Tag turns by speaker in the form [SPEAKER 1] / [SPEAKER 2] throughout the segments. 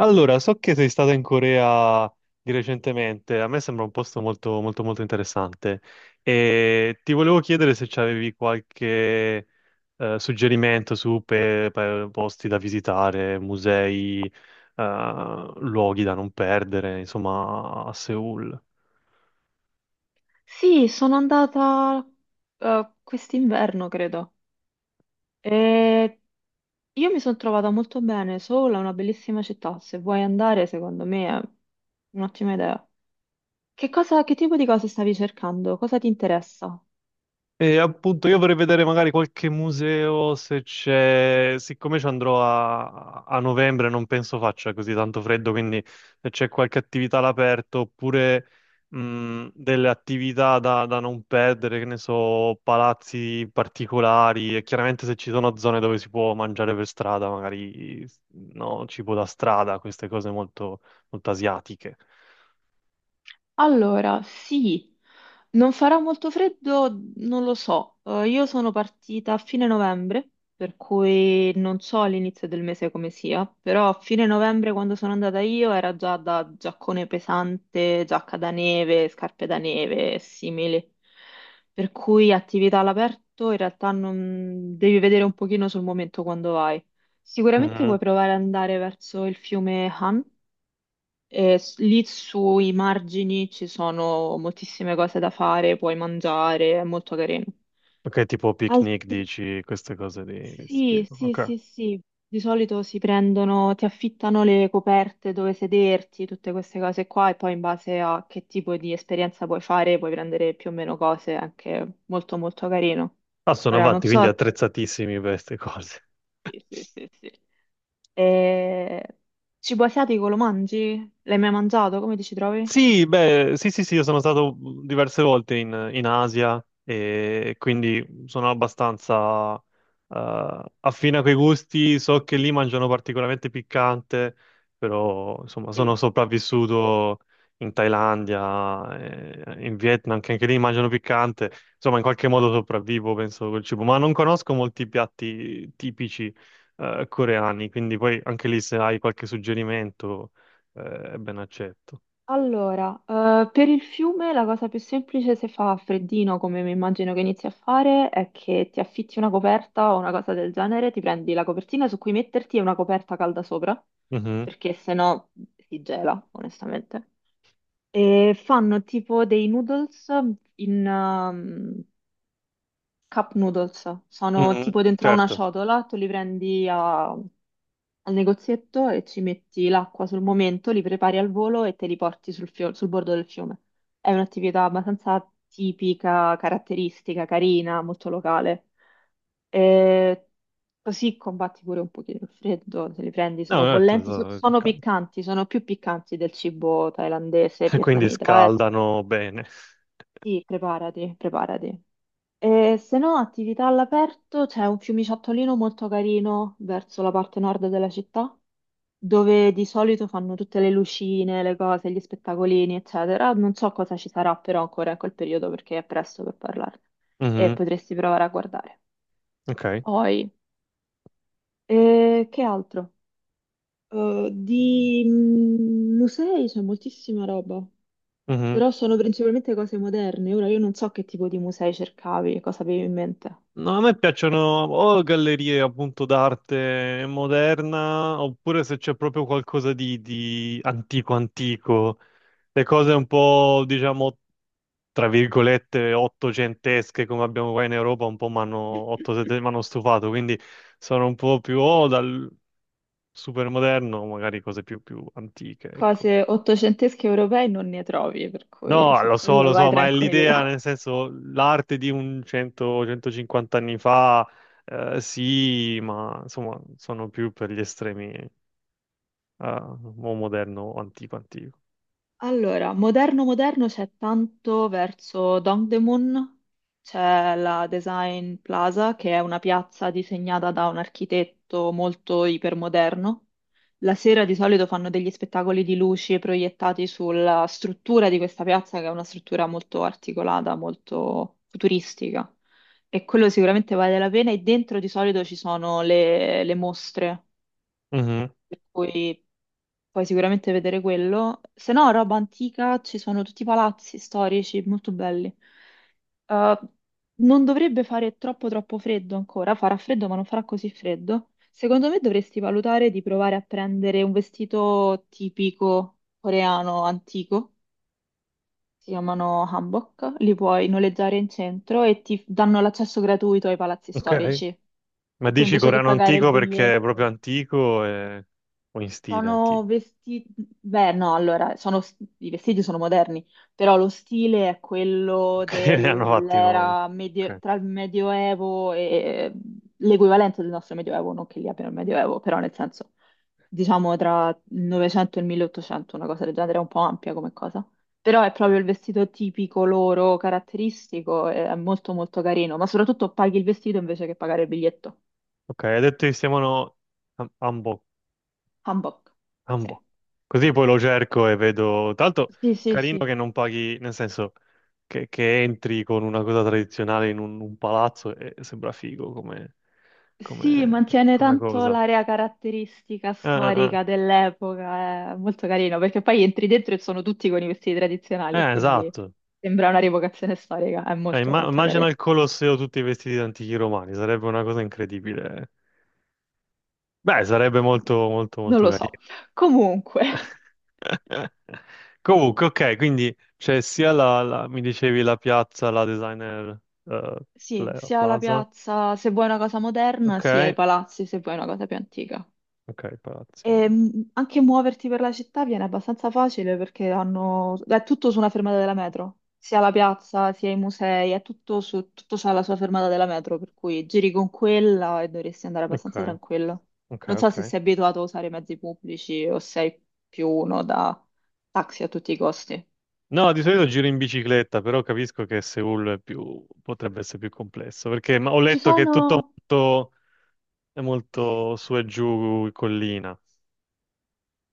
[SPEAKER 1] Allora, so che sei stata in Corea di recentemente, a me sembra un posto molto, molto, molto interessante e ti volevo chiedere se avevi qualche suggerimento su posti da visitare, musei, luoghi da non perdere, insomma, a Seoul.
[SPEAKER 2] Sì, sono andata quest'inverno, credo. E io mi sono trovata molto bene, sola, una bellissima città. Se vuoi andare, secondo me è un'ottima idea. Che tipo di cose stavi cercando? Cosa ti interessa?
[SPEAKER 1] E appunto io vorrei vedere magari qualche museo se c'è, siccome ci andrò a novembre, non penso faccia così tanto freddo, quindi se c'è qualche attività all'aperto oppure delle attività da non perdere, che ne so, palazzi particolari e chiaramente se ci sono zone dove si può mangiare per strada, magari, no, cibo da strada, queste cose molto, molto asiatiche.
[SPEAKER 2] Allora, sì, non farà molto freddo, non lo so. Io sono partita a fine novembre, per cui non so all'inizio del mese come sia, però a fine novembre quando sono andata io era già da giaccone pesante, giacca da neve, scarpe da neve e simili. Per cui attività all'aperto in realtà non devi vedere un pochino sul momento quando vai. Sicuramente
[SPEAKER 1] Mhm.
[SPEAKER 2] puoi provare ad andare verso il fiume Han e lì sui margini ci sono moltissime cose da fare, puoi mangiare, è molto carino.
[SPEAKER 1] Ok, tipo picnic,
[SPEAKER 2] Altri.
[SPEAKER 1] dici, queste cose questo
[SPEAKER 2] Sì,
[SPEAKER 1] tipo.
[SPEAKER 2] sì,
[SPEAKER 1] Ok.
[SPEAKER 2] sì, sì. Di solito si prendono, ti affittano le coperte dove sederti, tutte queste cose qua, e poi in base a che tipo di esperienza puoi fare, puoi prendere più o meno cose, anche molto molto carino.
[SPEAKER 1] Ah, sono
[SPEAKER 2] Ora non
[SPEAKER 1] avanti, quindi
[SPEAKER 2] so.
[SPEAKER 1] attrezzatissimi per queste
[SPEAKER 2] Sì,
[SPEAKER 1] cose.
[SPEAKER 2] sì, sì, sì. Sì. E. Cibo asiatico lo mangi? L'hai mai mangiato? Come ti ci trovi?
[SPEAKER 1] Sì, beh, sì, sì, sì, io sono stato diverse volte in Asia e quindi sono abbastanza affine a quei gusti. So che lì mangiano particolarmente piccante, però insomma sono
[SPEAKER 2] Sì, sì, sì.
[SPEAKER 1] sopravvissuto in Thailandia, in Vietnam, che anche lì mangiano piccante. Insomma, in qualche modo sopravvivo, penso, col cibo. Ma non conosco molti piatti tipici coreani, quindi poi anche lì se hai qualche suggerimento, ben accetto.
[SPEAKER 2] Allora, per il fiume la cosa più semplice se fa freddino, come mi immagino che inizi a fare, è che ti affitti una coperta o una cosa del genere, ti prendi la copertina su cui metterti e una coperta calda sopra,
[SPEAKER 1] Mhm,
[SPEAKER 2] perché se no si gela, onestamente. E fanno tipo dei noodles in cup noodles, sono
[SPEAKER 1] mhm.
[SPEAKER 2] tipo dentro a una
[SPEAKER 1] Certo,
[SPEAKER 2] ciotola, tu li prendi a al negozietto e ci metti l'acqua sul momento, li prepari al volo e te li porti sul bordo del fiume. È un'attività abbastanza tipica, caratteristica, carina, molto locale. E così combatti pure un pochino il freddo, se li prendi
[SPEAKER 1] no,
[SPEAKER 2] sono
[SPEAKER 1] certo,
[SPEAKER 2] bollenti, sono
[SPEAKER 1] caldo.
[SPEAKER 2] piccanti, sono più piccanti del cibo thailandese e
[SPEAKER 1] Quindi
[SPEAKER 2] vietnamita.
[SPEAKER 1] scaldano bene.
[SPEAKER 2] Sì, preparati, preparati. E se no, attività all'aperto, c'è un fiumiciattolino molto carino verso la parte nord della città dove di solito fanno tutte le lucine, le cose, gli spettacolini, eccetera. Non so cosa ci sarà però ancora in quel periodo perché è presto per parlarne e
[SPEAKER 1] Mhm.
[SPEAKER 2] potresti provare a guardare.
[SPEAKER 1] Ok.
[SPEAKER 2] Poi, che altro? Di musei c'è moltissima roba,
[SPEAKER 1] Mhm.
[SPEAKER 2] però sono principalmente cose moderne. Ora io non so che tipo di musei cercavi, cosa avevi in mente.
[SPEAKER 1] No, a me piacciono o gallerie appunto d'arte moderna, oppure se c'è proprio qualcosa di antico antico, le cose un po', diciamo, tra virgolette, ottocentesche come abbiamo qua in Europa, un po' mi hanno m'hanno stufato, quindi sono un po' più o dal super moderno, magari cose più antiche, ecco.
[SPEAKER 2] Cose ottocentesche europee non ne trovi, per cui
[SPEAKER 1] No,
[SPEAKER 2] su quello
[SPEAKER 1] lo
[SPEAKER 2] vai
[SPEAKER 1] so, ma è l'idea,
[SPEAKER 2] tranquillo.
[SPEAKER 1] nel senso, l'arte di un 100-150 anni fa, sì, ma insomma, sono più per gli estremi, o moderno o antico antico.
[SPEAKER 2] Allora, moderno moderno c'è tanto verso Dongdaemun, c'è la Design Plaza che è una piazza disegnata da un architetto molto ipermoderno. La sera di solito fanno degli spettacoli di luci proiettati sulla struttura di questa piazza che è una struttura molto articolata, molto futuristica e quello sicuramente vale la pena e dentro di solito ci sono le mostre,
[SPEAKER 1] Mhm.
[SPEAKER 2] per cui puoi sicuramente vedere quello. Se no, roba antica, ci sono tutti i palazzi storici molto belli. Eh, non dovrebbe fare troppo troppo freddo ancora, farà freddo ma non farà così freddo. Secondo me dovresti valutare di provare a prendere un vestito tipico coreano antico, si chiamano hanbok, li puoi noleggiare in centro e ti danno l'accesso gratuito ai palazzi
[SPEAKER 1] Ok.
[SPEAKER 2] storici,
[SPEAKER 1] Ma
[SPEAKER 2] per cui
[SPEAKER 1] dici
[SPEAKER 2] invece che
[SPEAKER 1] coreano
[SPEAKER 2] pagare il
[SPEAKER 1] antico perché è proprio
[SPEAKER 2] biglietto.
[SPEAKER 1] antico o in stile antico?
[SPEAKER 2] Sono vestiti, beh no, allora, i vestiti sono moderni, però lo stile è quello
[SPEAKER 1] Ok, ne hanno fatti non.
[SPEAKER 2] dell'era
[SPEAKER 1] Ok,
[SPEAKER 2] tra il Medioevo e l'equivalente del nostro Medioevo, non che lì abbiano il Medioevo, però nel senso, diciamo tra il Novecento e il 1800, una cosa del genere, è un po' ampia come cosa, però è proprio il vestito tipico loro, caratteristico, e è molto molto carino, ma soprattutto paghi il vestito invece che pagare il biglietto.
[SPEAKER 1] ok, hai detto che si chiamano Hanbok.
[SPEAKER 2] Hanbok. Sì,
[SPEAKER 1] Ambo. Così poi lo cerco e vedo. Tanto
[SPEAKER 2] sì, sì.
[SPEAKER 1] carino
[SPEAKER 2] Sì.
[SPEAKER 1] che non paghi, nel senso che entri con una cosa tradizionale in un palazzo e sembra figo come,
[SPEAKER 2] Sì,
[SPEAKER 1] come-
[SPEAKER 2] mantiene
[SPEAKER 1] come
[SPEAKER 2] tanto
[SPEAKER 1] cosa.
[SPEAKER 2] l'area caratteristica
[SPEAKER 1] Eh.
[SPEAKER 2] storica dell'epoca, è molto carino, perché poi entri dentro e sono tutti con i vestiti tradizionali, quindi
[SPEAKER 1] Esatto.
[SPEAKER 2] sembra una rievocazione storica, è molto molto
[SPEAKER 1] Immagina
[SPEAKER 2] carino.
[SPEAKER 1] il Colosseo tutti vestiti da antichi romani, sarebbe una cosa incredibile. Beh, sarebbe molto, molto,
[SPEAKER 2] Non
[SPEAKER 1] molto
[SPEAKER 2] lo so.
[SPEAKER 1] carino.
[SPEAKER 2] Comunque,
[SPEAKER 1] Comunque, ok, quindi c'è sia mi dicevi la piazza, la designer eh,
[SPEAKER 2] sì,
[SPEAKER 1] la
[SPEAKER 2] sia la
[SPEAKER 1] Plaza.
[SPEAKER 2] piazza se vuoi una cosa moderna,
[SPEAKER 1] Ok,
[SPEAKER 2] sia i palazzi se vuoi una cosa più antica.
[SPEAKER 1] ok, palazzi.
[SPEAKER 2] E, anche muoverti per la città viene abbastanza facile perché hanno. È tutto su una fermata della metro, sia la piazza, sia i musei, è tutto su. Tutto c'ha la sua fermata della metro, per cui giri con quella e dovresti andare
[SPEAKER 1] Ok,
[SPEAKER 2] abbastanza tranquillo.
[SPEAKER 1] ok,
[SPEAKER 2] Non so
[SPEAKER 1] ok.
[SPEAKER 2] se sei abituato a usare i mezzi pubblici o sei più uno da taxi a tutti i costi.
[SPEAKER 1] No, di solito giro in bicicletta, però capisco che Seul è più, potrebbe essere più complesso, perché ho
[SPEAKER 2] Ci
[SPEAKER 1] letto che è tutto
[SPEAKER 2] sono.
[SPEAKER 1] molto, è molto su e giù, collina.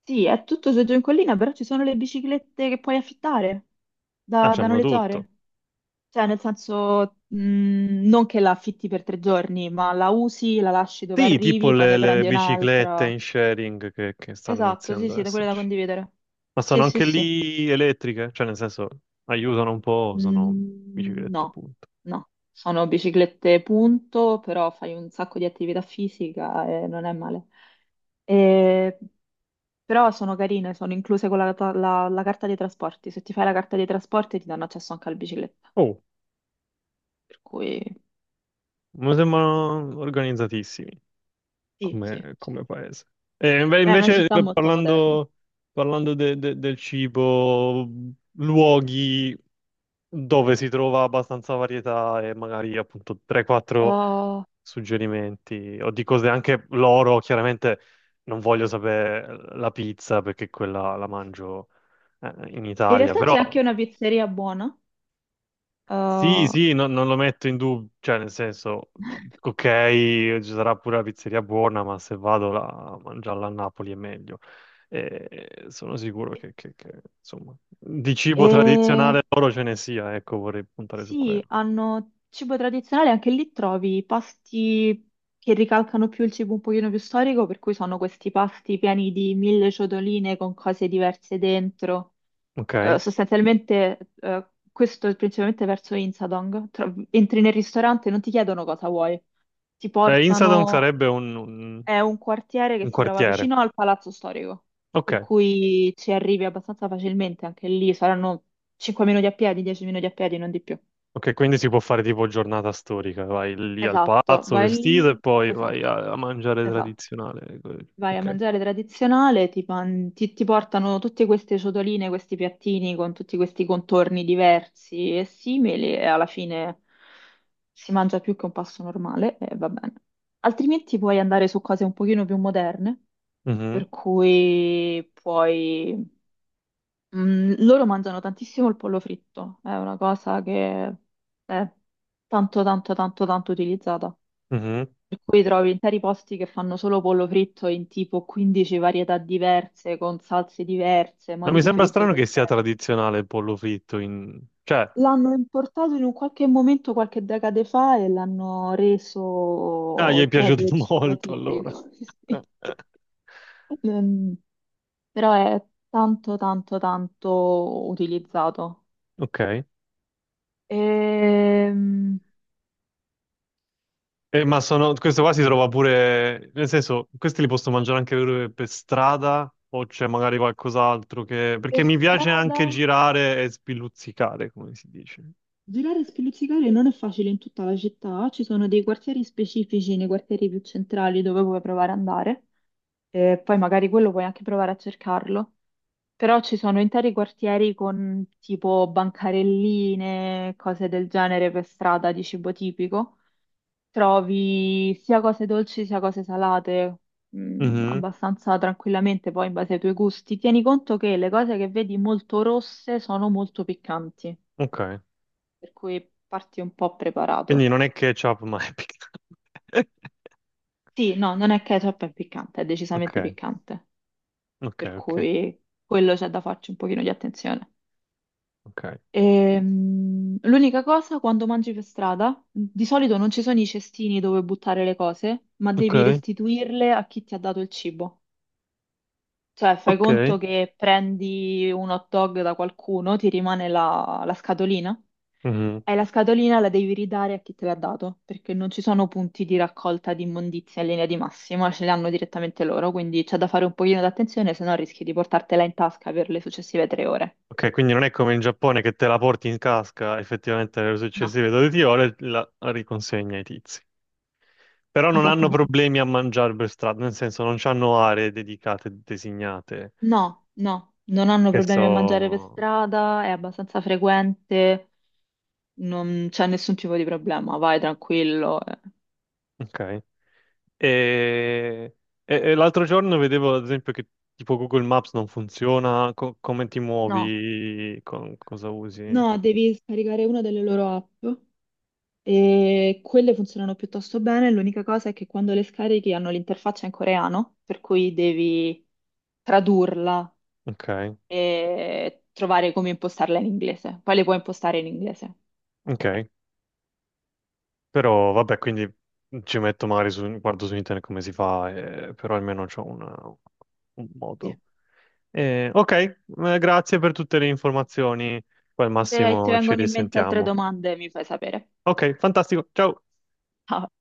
[SPEAKER 2] Sì, è tutto su giù in collina, però ci sono le biciclette che puoi affittare,
[SPEAKER 1] Ah,
[SPEAKER 2] da
[SPEAKER 1] c'hanno tutto.
[SPEAKER 2] noleggiare. Cioè, nel senso, non che la affitti per 3 giorni, ma la usi, la lasci dove
[SPEAKER 1] Sì, tipo
[SPEAKER 2] arrivi, poi
[SPEAKER 1] le,
[SPEAKER 2] ne
[SPEAKER 1] le
[SPEAKER 2] prendi
[SPEAKER 1] biciclette
[SPEAKER 2] un'altra.
[SPEAKER 1] in sharing che stanno
[SPEAKER 2] Esatto, sì,
[SPEAKER 1] iniziando ad
[SPEAKER 2] sì, da quelle da
[SPEAKER 1] esserci.
[SPEAKER 2] condividere.
[SPEAKER 1] Ma
[SPEAKER 2] Sì,
[SPEAKER 1] sono
[SPEAKER 2] sì,
[SPEAKER 1] anche
[SPEAKER 2] sì.
[SPEAKER 1] lì elettriche, cioè nel senso aiutano un po', sono
[SPEAKER 2] Mm,
[SPEAKER 1] biciclette,
[SPEAKER 2] no,
[SPEAKER 1] punto.
[SPEAKER 2] no. Sono biciclette punto, però fai un sacco di attività fisica e non è male. E. Però sono carine, sono incluse con la carta dei trasporti. Se ti fai la carta dei trasporti ti danno accesso anche alla bicicletta.
[SPEAKER 1] Oh,
[SPEAKER 2] Per cui
[SPEAKER 1] mi sembrano organizzatissimi
[SPEAKER 2] sì, sì.
[SPEAKER 1] come,
[SPEAKER 2] Sì.
[SPEAKER 1] paese. E
[SPEAKER 2] È una
[SPEAKER 1] invece
[SPEAKER 2] città molto moderna.
[SPEAKER 1] parlando del cibo, luoghi dove si trova abbastanza varietà e magari appunto 3-4
[SPEAKER 2] Ah,
[SPEAKER 1] suggerimenti o di cose anche loro, chiaramente non voglio sapere la pizza perché quella la mangio in
[SPEAKER 2] in
[SPEAKER 1] Italia,
[SPEAKER 2] realtà
[SPEAKER 1] però
[SPEAKER 2] c'è anche una pizzeria buona.
[SPEAKER 1] sì,
[SPEAKER 2] eh,
[SPEAKER 1] sì, non lo metto in dubbio, cioè nel senso, ok, ci sarà pure la pizzeria buona, ma se vado là a mangiarla a Napoli è meglio. E sono sicuro che, insomma, di cibo
[SPEAKER 2] e
[SPEAKER 1] tradizionale loro ce ne sia, ecco, vorrei puntare su
[SPEAKER 2] sì,
[SPEAKER 1] quello.
[SPEAKER 2] hanno cibo tradizionale, anche lì trovi pasti che ricalcano più il cibo un pochino più storico, per cui sono questi pasti pieni di mille ciotoline con cose diverse dentro.
[SPEAKER 1] Ok?
[SPEAKER 2] Sostanzialmente, questo è principalmente verso Insadong. Entri nel ristorante e non ti chiedono cosa vuoi, ti
[SPEAKER 1] Beh, Insadong
[SPEAKER 2] portano.
[SPEAKER 1] sarebbe
[SPEAKER 2] È un quartiere che
[SPEAKER 1] un
[SPEAKER 2] si trova
[SPEAKER 1] quartiere.
[SPEAKER 2] vicino al Palazzo Storico,
[SPEAKER 1] Ok,
[SPEAKER 2] per cui ci arrivi abbastanza facilmente anche lì, saranno 5 minuti a piedi, 10 minuti a piedi, non di più.
[SPEAKER 1] ok, quindi si può fare tipo giornata storica, vai lì al
[SPEAKER 2] Esatto,
[SPEAKER 1] palazzo
[SPEAKER 2] vai
[SPEAKER 1] vestito e
[SPEAKER 2] lì,
[SPEAKER 1] poi
[SPEAKER 2] esatto,
[SPEAKER 1] vai a mangiare
[SPEAKER 2] esatto.
[SPEAKER 1] tradizionale.
[SPEAKER 2] Vai a
[SPEAKER 1] Ok.
[SPEAKER 2] mangiare tradizionale, ti portano tutte queste ciotoline, questi piattini con tutti questi contorni diversi e simili e alla fine si mangia più che un pasto normale e va bene. Altrimenti puoi andare su cose un pochino più moderne,
[SPEAKER 1] Mhm,
[SPEAKER 2] per cui puoi. Loro mangiano tantissimo il pollo fritto, è una cosa che è tanto, tanto, tanto, tanto utilizzata.
[SPEAKER 1] mhm.
[SPEAKER 2] Per cui trovi interi posti che fanno solo pollo fritto in tipo 15 varietà diverse, con salse diverse,
[SPEAKER 1] Ma
[SPEAKER 2] modi
[SPEAKER 1] mi
[SPEAKER 2] di
[SPEAKER 1] sembra strano
[SPEAKER 2] friggere
[SPEAKER 1] che sia
[SPEAKER 2] diversi.
[SPEAKER 1] tradizionale il pollo fritto in. Cioè,
[SPEAKER 2] L'hanno importato in un qualche momento, qualche decade fa, e l'hanno
[SPEAKER 1] ah, gli
[SPEAKER 2] reso
[SPEAKER 1] è
[SPEAKER 2] il proprio
[SPEAKER 1] piaciuto
[SPEAKER 2] cibo
[SPEAKER 1] molto allora.
[SPEAKER 2] tipico. Sì. Mm, Però è tanto, tanto, tanto utilizzato.
[SPEAKER 1] Ok.
[SPEAKER 2] Ehm,
[SPEAKER 1] Ma sono. Questo qua si trova pure. Nel senso, questi li posso mangiare anche per strada o c'è magari qualcos'altro che.
[SPEAKER 2] Per
[SPEAKER 1] Perché mi piace
[SPEAKER 2] strada?
[SPEAKER 1] anche girare e spiluzzicare, come si dice.
[SPEAKER 2] Girare e spiluzzicare non è facile in tutta la città, ci sono dei quartieri specifici nei quartieri più centrali dove puoi provare ad andare, e poi magari quello puoi anche provare a cercarlo, però ci sono interi quartieri con tipo bancarelline, cose del genere per strada di cibo tipico, trovi sia cose dolci sia cose salate,
[SPEAKER 1] Mhm.
[SPEAKER 2] abbastanza tranquillamente poi in base ai tuoi gusti. Tieni conto che le cose che vedi molto rosse sono molto piccanti.
[SPEAKER 1] Ok.
[SPEAKER 2] Per cui parti un po'
[SPEAKER 1] Quindi
[SPEAKER 2] preparato.
[SPEAKER 1] non è ketchup, ma è piccante.
[SPEAKER 2] Sì, no, non è ketchup, è piccante, è decisamente
[SPEAKER 1] Ok,
[SPEAKER 2] piccante,
[SPEAKER 1] ok,
[SPEAKER 2] per
[SPEAKER 1] ok,
[SPEAKER 2] cui quello c'è da farci un pochino di attenzione.
[SPEAKER 1] ok.
[SPEAKER 2] L'unica cosa, quando mangi per strada, di solito non ci sono i cestini dove buttare le cose, ma
[SPEAKER 1] Ok,
[SPEAKER 2] devi restituirle a chi ti ha dato il cibo. Cioè, fai
[SPEAKER 1] ok.
[SPEAKER 2] conto che prendi un hot dog da qualcuno, ti rimane la scatolina.
[SPEAKER 1] Mhm.
[SPEAKER 2] E la scatolina la devi ridare a chi te l'ha dato, perché non ci sono punti di raccolta di immondizia in linea di massima, ce li hanno direttamente loro, quindi c'è da fare un pochino d'attenzione, se no rischi di portartela in tasca per le successive 3 ore.
[SPEAKER 1] Ok, quindi non è come in Giappone che te la porti in casca effettivamente nelle
[SPEAKER 2] No.
[SPEAKER 1] successive 12 ore, la riconsegna ai tizi. Però non hanno
[SPEAKER 2] Esattamente.
[SPEAKER 1] problemi a mangiare per strada, nel senso non hanno aree dedicate, designate,
[SPEAKER 2] No, no, non hanno
[SPEAKER 1] che
[SPEAKER 2] problemi a mangiare per
[SPEAKER 1] so.
[SPEAKER 2] strada, è abbastanza frequente, non c'è nessun tipo di problema, vai tranquillo.
[SPEAKER 1] Ok. E, e l'altro giorno vedevo ad esempio che tipo Google Maps non funziona, come ti
[SPEAKER 2] No,
[SPEAKER 1] muovi, cosa usi.
[SPEAKER 2] no, devi scaricare una delle loro app. E quelle funzionano piuttosto bene, l'unica cosa è che quando le scarichi hanno l'interfaccia in coreano, per cui devi tradurla
[SPEAKER 1] Ok,
[SPEAKER 2] e trovare come impostarla in inglese. Poi le puoi impostare in inglese.
[SPEAKER 1] ok. Però vabbè, quindi ci metto magari su, guardo su internet come si fa, però almeno c'ho un
[SPEAKER 2] Sì.
[SPEAKER 1] modo. Ok, grazie per tutte le informazioni. Poi al
[SPEAKER 2] Se ti
[SPEAKER 1] massimo ci
[SPEAKER 2] vengono in mente altre
[SPEAKER 1] risentiamo.
[SPEAKER 2] domande, mi fai sapere.
[SPEAKER 1] Ok, fantastico. Ciao.
[SPEAKER 2] Ciao.